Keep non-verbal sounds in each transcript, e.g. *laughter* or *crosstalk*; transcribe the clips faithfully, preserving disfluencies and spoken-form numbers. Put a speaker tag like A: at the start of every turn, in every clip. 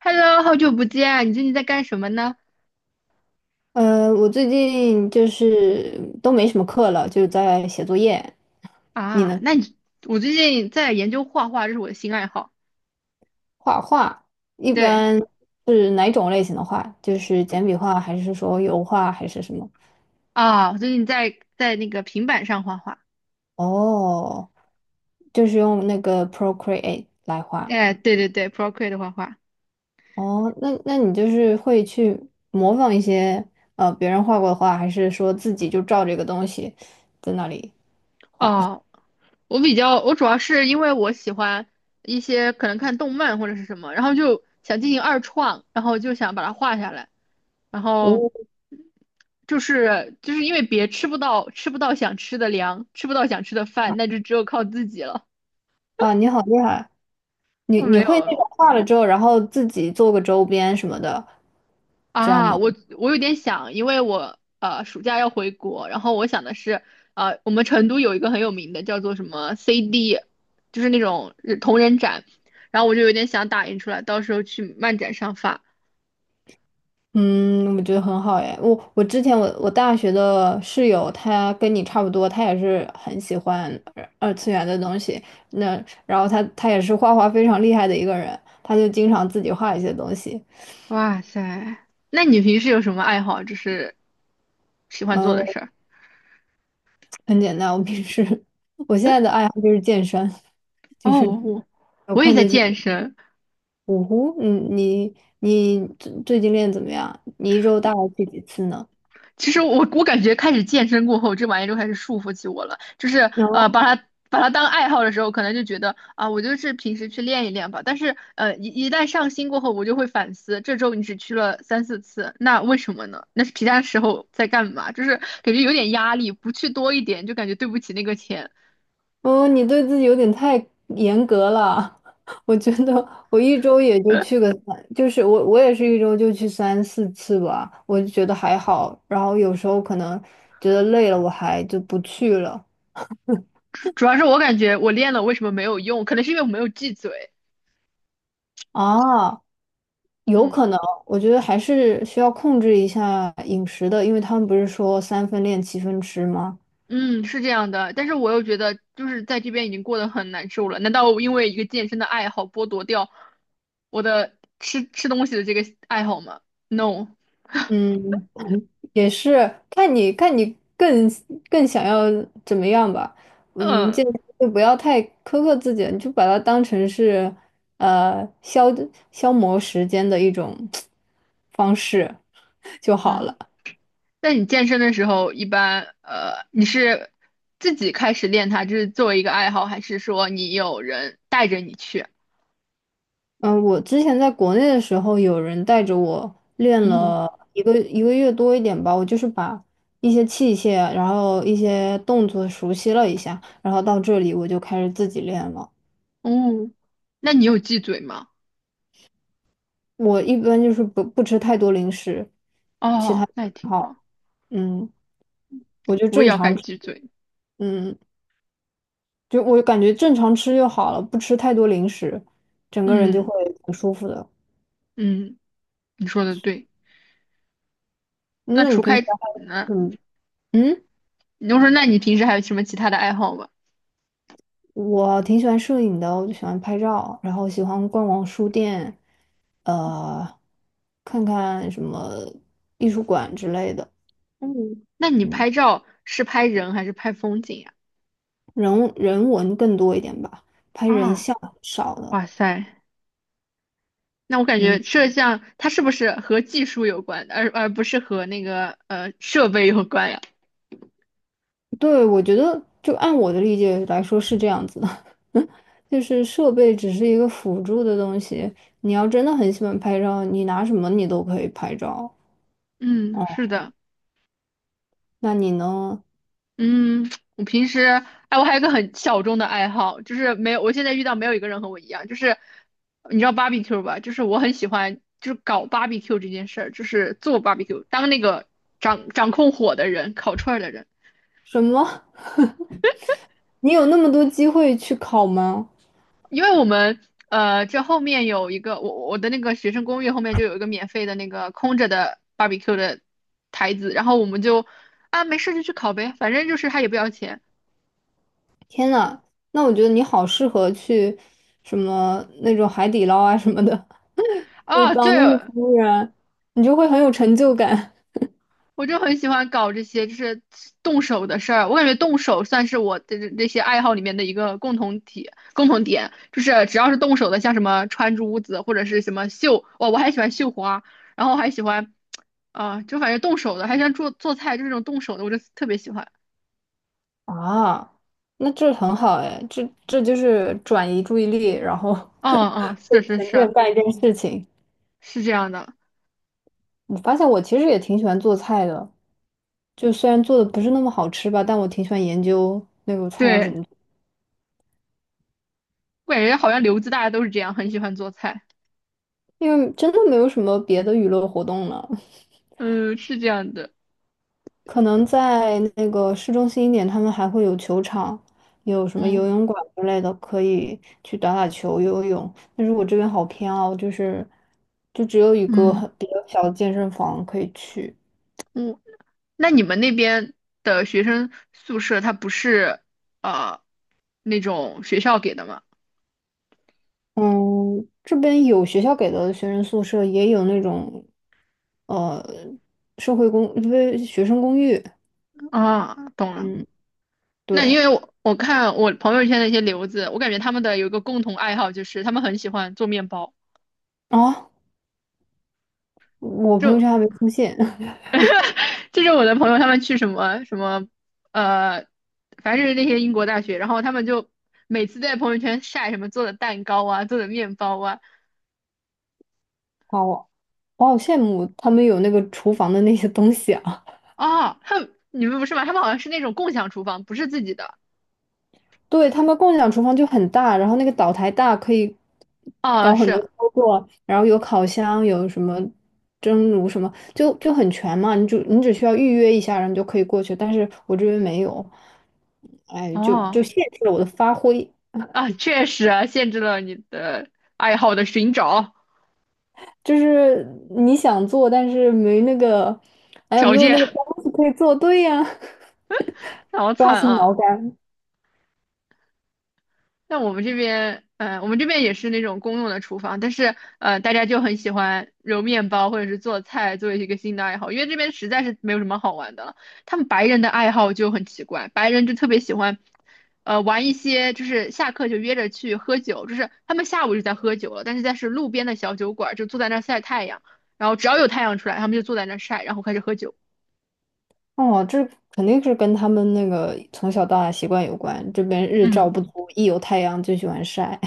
A: Hello，好久不见啊，你最近在干什么呢？
B: 呃，我最近就是都没什么课了，就是在写作业。你
A: 啊，
B: 呢？
A: 那你我最近在研究画画，这是我的新爱好。
B: 画画一
A: 对
B: 般是哪种类型的画？就是简笔画，还是说油画，还是什么？
A: 啊，我最近在在那个平板上画画。
B: 哦，就是用那个 Procreate 来画。
A: 哎，对对对，Procreate 画画。
B: 哦，那那你就是会去模仿一些呃别人画过的画，还是说自己就照这个东西在那里画？
A: 哦，我比较，我主要是因为我喜欢一些可能看动漫或者是什么，然后就想进行二创，然后就想把它画下来，然后
B: 哦，
A: 就是就是因为别吃不到吃不到想吃的粮，吃不到想吃的饭，那就只有靠自己了。
B: 哇，你好厉害！你
A: 我
B: 你
A: 没
B: 会那个
A: 有。
B: 画了之后，然后自己做个周边什么的，这样
A: 啊，
B: 吗？
A: 我我有点想，因为我呃暑假要回国，然后我想的是，呃，我们成都有一个很有名的叫做什么 C D，就是那种呃同人展，然后我就有点想打印出来，到时候去漫展上发。
B: 嗯，我觉得很好耶。我我之前我我大学的室友，他跟你差不多，他也是很喜欢二二次元的东西。那然后他他也是画画非常厉害的一个人，他就经常自己画一些东西。
A: 哇塞，那你平时有什么爱好，就是喜欢做
B: 呃，
A: 的事儿？
B: 很简单。我平时 *laughs* 我现在的爱好就是健身，就
A: 哦，
B: 是
A: 我
B: 有
A: 我也
B: 空
A: 在
B: 就去。
A: 健身，
B: 呜呼，嗯，你你最最近练得怎么样？你一周大概去几次呢？
A: 其实我我感觉开始健身过后，这玩意儿就开始束缚起我了。就是呃，
B: 有，
A: 把它把它当爱好的时候，可能就觉得啊，我就是平时去练一练吧。但是呃，一一旦上心过后，我就会反思，这周你只去了三四次，那为什么呢？那是其他时候在干嘛？就是感觉有点压力，不去多一点就感觉对不起那个钱。
B: 嗯，你对自己有点太严格了。*laughs* 我觉得我一周也就去个三，就是我我也是一周就去三四次吧，我就觉得还好。然后有时候可能觉得累了，我还就不去了。
A: 主主要是我感觉我练了为什么没有用？可能是因为我没有记嘴。
B: 啊，有
A: 嗯
B: 可能，我觉得还是需要控制一下饮食的，因为他们不是说三分练七分吃吗？
A: 嗯，是这样的，但是我又觉得就是在这边已经过得很难受了，难道我因为一个健身的爱好剥夺掉我的吃吃东西的这个爱好吗？No，*laughs*
B: 嗯，也是看你看你更更想要怎么样吧，嗯，
A: 嗯
B: 这就不要太苛刻自己了你就把它当成是呃消消磨时间的一种方式就好了。
A: 啊，那你健身的时候一般呃你是自己开始练它，就是作为一个爱好，还是说你有人带着你去？
B: 嗯、我之前在国内的时候，有人带着我练
A: 嗯
B: 了一个一个月多一点吧，我就是把一些器械，然后一些动作熟悉了一下，然后到这里我就开始自己练了。
A: 哦，那你有忌嘴吗？
B: 我一般就是不不吃太多零食，其
A: 哦，
B: 他不
A: 那也
B: 太
A: 挺
B: 好，
A: 好，
B: 嗯，我就
A: 我也
B: 正
A: 要开
B: 常
A: 始
B: 吃，
A: 忌嘴。
B: 嗯，就我感觉正常吃就好了，不吃太多零食，整个人就会
A: 嗯
B: 挺舒服的。
A: 嗯，你说的对。
B: 嗯
A: 那
B: 那你
A: 除
B: 平时
A: 开
B: 还。
A: 那
B: 嗯嗯，
A: 你就说，那你平时还有什么其他的爱好吗？
B: 我挺喜欢摄影的，我就喜欢拍照，然后喜欢逛逛书店，呃，看看什么艺术馆之类的，
A: 嗯，那你
B: 嗯，
A: 拍照是拍人还是拍风景呀？
B: 人人文更多一点吧，拍人
A: 啊，
B: 像很少的。
A: 哇塞，那我感
B: 嗯。
A: 觉摄像它是不是和技术有关，而而不是和那个呃设备有关呀？
B: 对，我觉得就按我的理解来说是这样子的，*laughs* 就是设备只是一个辅助的东西。你要真的很喜欢拍照，你拿什么你都可以拍照。
A: 嗯，
B: 哦，
A: 是的，
B: 那你呢？
A: 嗯，我平时哎，我还有一个很小众的爱好，就是没有，我现在遇到没有一个人和我一样，就是你知道 barbecue 吧？就是我很喜欢，就是搞 barbecue 这件事儿，就是做 barbecue，当那个掌掌控火的人，烤串儿的人。
B: 什么？*laughs* 你有那么多机会去考吗？
A: 因为我们呃，这后面有一个我我的那个学生公寓后面就有一个免费的那个空着的 barbecue 的台子，然后我们就啊没事就去烤呗，反正就是他也不要钱
B: 天呐，那我觉得你好适合去什么那种海底捞啊什么的，*laughs* 就
A: 啊。对，
B: 当那个服务员，你就会很有成就感。
A: 我就很喜欢搞这些就是动手的事儿，我感觉动手算是我的这这些爱好里面的一个共同体共同点，就是只要是动手的，像什么穿珠子或者是什么绣，哦，我还喜欢绣花，然后还喜欢啊、就反正动手的，还喜欢做做菜，就是这种动手的，我就特别喜欢。
B: 啊，那这很好哎，这这就是转移注意力，然后 *laughs*
A: 嗯嗯，是是
B: 沉浸
A: 是
B: 干一件事情。
A: 是这样的，
B: 我发现我其实也挺喜欢做菜的，就虽然做的不是那么好吃吧，但我挺喜欢研究那个菜要怎么
A: 对，
B: 做，
A: 我感觉好像留子大家都是这样，很喜欢做菜。
B: 因为真的没有什么别的娱乐活动了。
A: 嗯，是这样的。
B: 可能在那个市中心一点，他们还会有球场，有什么游
A: 嗯
B: 泳馆之类的，可以去打打球、游泳。但是我这边好偏哦，就是就只有一个
A: 嗯
B: 很比较小的健身房可以去。
A: 嗯，那你们那边的学生宿舍，它不是呃那种学校给的吗？
B: 嗯，这边有学校给的学生宿舍，也有那种，呃，社会公，不是学生公寓。
A: 啊，懂了。
B: 嗯，
A: 那因
B: 对。
A: 为我我看我朋友圈的一些留子，我感觉他们的有一个共同爱好就是他们很喜欢做面包。
B: 啊，我朋友
A: 就。
B: 圈还没出现，*laughs*
A: 就是我的朋友他们去什么什么，呃，凡是那些英国大学，然后他们就每次在朋友圈晒什么做的蛋糕啊，做的面包啊，
B: 好，我我好羡慕他们有那个厨房的那些东西啊。
A: 哦，他们你们不是吗？他们好像是那种共享厨房，不是自己的。
B: 对，他们共享厨房就很大，然后那个岛台大，可以
A: 哦，
B: 搞很多
A: 是，
B: 操作，然后有烤箱，有什么蒸炉什么，就就很全嘛。你就你只需要预约一下，然后你就可以过去。但是我这边没有，哎，就
A: 哦，
B: 就限制了我的发挥。
A: 啊，确实啊，限制了你的爱好的寻找
B: 就是你想做，但是没那个，哎呀，
A: 条
B: 没有
A: 件，
B: 那个东西可以做对呀，
A: *laughs* 好
B: *laughs* 抓
A: 惨
B: 心
A: 啊。
B: 挠肝。
A: 那我们这边，嗯，我们这边也是那种公用的厨房，但是呃，大家就很喜欢揉面包或者是做菜作为一个新的爱好，因为这边实在是没有什么好玩的了。他们白人的爱好就很奇怪，白人就特别喜欢，呃，玩一些就是下课就约着去喝酒，就是他们下午就在喝酒了，但是在是路边的小酒馆就坐在那儿晒太阳，然后只要有太阳出来，他们就坐在那儿晒，然后开始喝酒。
B: 哦，这肯定是跟他们那个从小到大习惯有关。这边日照
A: 嗯。
B: 不足，一有太阳就喜欢晒。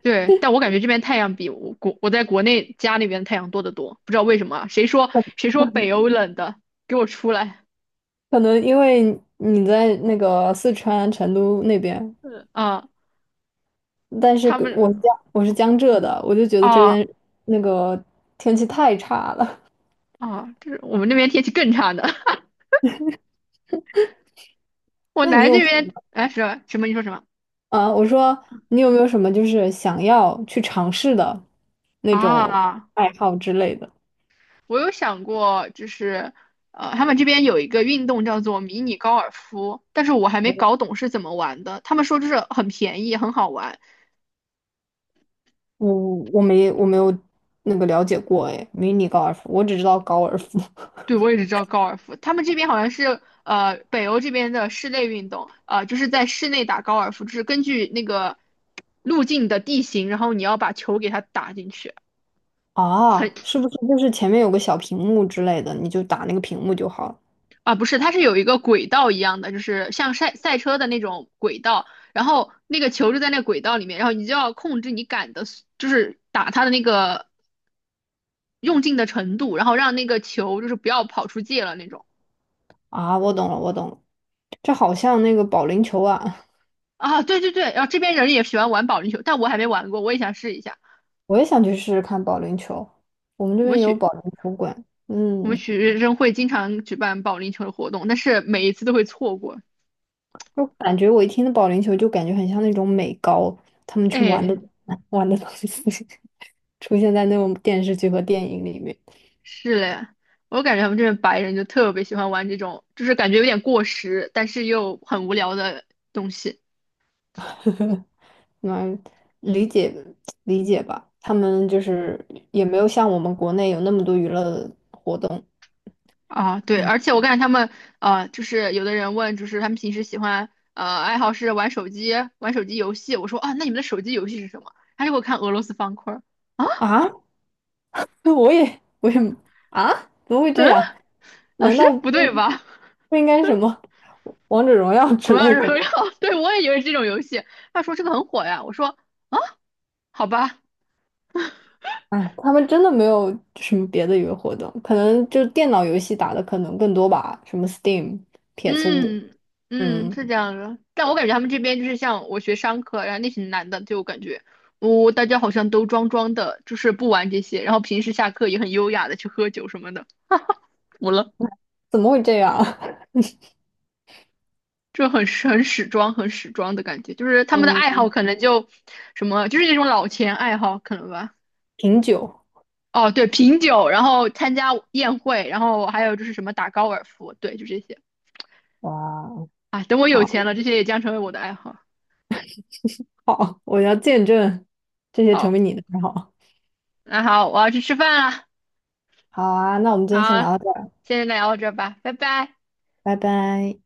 A: 对，但我感觉这边太阳比我国我在国内家那边太阳多得多，不知道为什么啊？谁说谁说北欧冷的？给我出来！
B: 可能因为你在那个四川成都那边，
A: 嗯啊，
B: 但是
A: 他
B: 跟
A: 们
B: 我是江我是江浙的，我就觉得这
A: 啊
B: 边那个天气太差了。*laughs*
A: 啊，这是我们那边天气更差的。*laughs* 我
B: 那你
A: 来
B: 有
A: 这边，哎，什什么？你说什么
B: 啊？我说你有没有什么就是想要去尝试的那种
A: 啊？
B: 爱好之类的？
A: 我有想过，就是呃，他们这边有一个运动叫做迷你高尔夫，但是我还没搞懂是怎么玩的。他们说就是很便宜，很好玩。
B: 我我没我没有那个了解过哎，迷你高尔夫，我只知道高尔夫 *laughs*
A: 对，我也只知道高尔夫，他们这边好像是呃北欧这边的室内运动，呃就是在室内打高尔夫，就是根据那个路径的地形，然后你要把球给它打进去，
B: 啊，
A: 很
B: 是不是就是前面有个小屏幕之类的，你就打那个屏幕就好了？
A: 啊不是，它是有一个轨道一样的，就是像赛赛车的那种轨道，然后那个球就在那个轨道里面，然后你就要控制你杆的速就是打它的那个用劲的程度，然后让那个球就是不要跑出界了那种
B: 啊，我懂了，我懂了，这好像那个保龄球啊，
A: 啊，对对对，然后这边人也喜欢玩保龄球，但我还没玩过，我也想试一下。
B: 我也想去试试看保龄球。我们这
A: 我
B: 边
A: 们
B: 也有
A: 学
B: 保龄球馆，
A: 我们
B: 嗯，
A: 学生会经常举办保龄球的活动，但是每一次都会错过。
B: 就感觉我一听到保龄球，就感觉很像那种美高他们去
A: 哎，
B: 玩的
A: 嗯，
B: *laughs* 玩的东西，*laughs* 出现在那种电视剧和电影里面。
A: 是嘞，我感觉他们这边白人就特别喜欢玩这种，就是感觉有点过时，但是又很无聊的东西
B: *laughs* 嗯，理解理解吧，他们就是也没有像我们国内有那么多娱乐活动。
A: 啊。对，
B: 嗯
A: 而且我感觉他们呃，就是有的人问，就是他们平时喜欢呃爱好是玩手机，玩手机游戏。我说啊，那你们的手机游戏是什么？他就给我看俄罗斯方块儿啊，
B: 啊，*laughs* 我也我也啊，怎么会这
A: 嗯，
B: 样？
A: 老
B: 难
A: 师
B: 道不？
A: 不对吧？
B: 不应该什么王者荣耀
A: *laughs* 我
B: 之
A: 要
B: 类
A: 荣
B: 的
A: 耀，
B: 吗？
A: *laughs* 对我也以为是这种游戏。他说这个很火呀，我说。啊。好吧，
B: 哎，他们真的没有什么别的娱乐活动，可能就电脑游戏打的可能更多吧，什么 Steam、p s 五，
A: 嗯嗯，
B: 嗯，
A: 是这样的。但我感觉他们这边就是像我学商科，然后那群男的，就我感觉，哦，大家好像都装装的，就是不玩这些，然后平时下课也很优雅的去喝酒什么的，服了，
B: 怎么会这样？*laughs*
A: 就很很始装，很始装的感觉，就是他们的爱
B: 嗯，
A: 好可能就什么，就是那种老钱爱好可能吧。
B: 品酒，
A: 哦，对，品酒，然后参加宴会，然后还有就是什么打高尔夫，对，就这些。
B: 哇哦，
A: 啊，等我有
B: 好，
A: 钱了，这些也将成为我的爱好。
B: 好，我要见证这些成
A: 好，
B: 为你的爱好。
A: 那好，我要去吃饭了。
B: 好啊，那我们今天先
A: 好，
B: 聊到这儿，
A: 现在聊到这儿吧，拜拜。
B: 拜拜。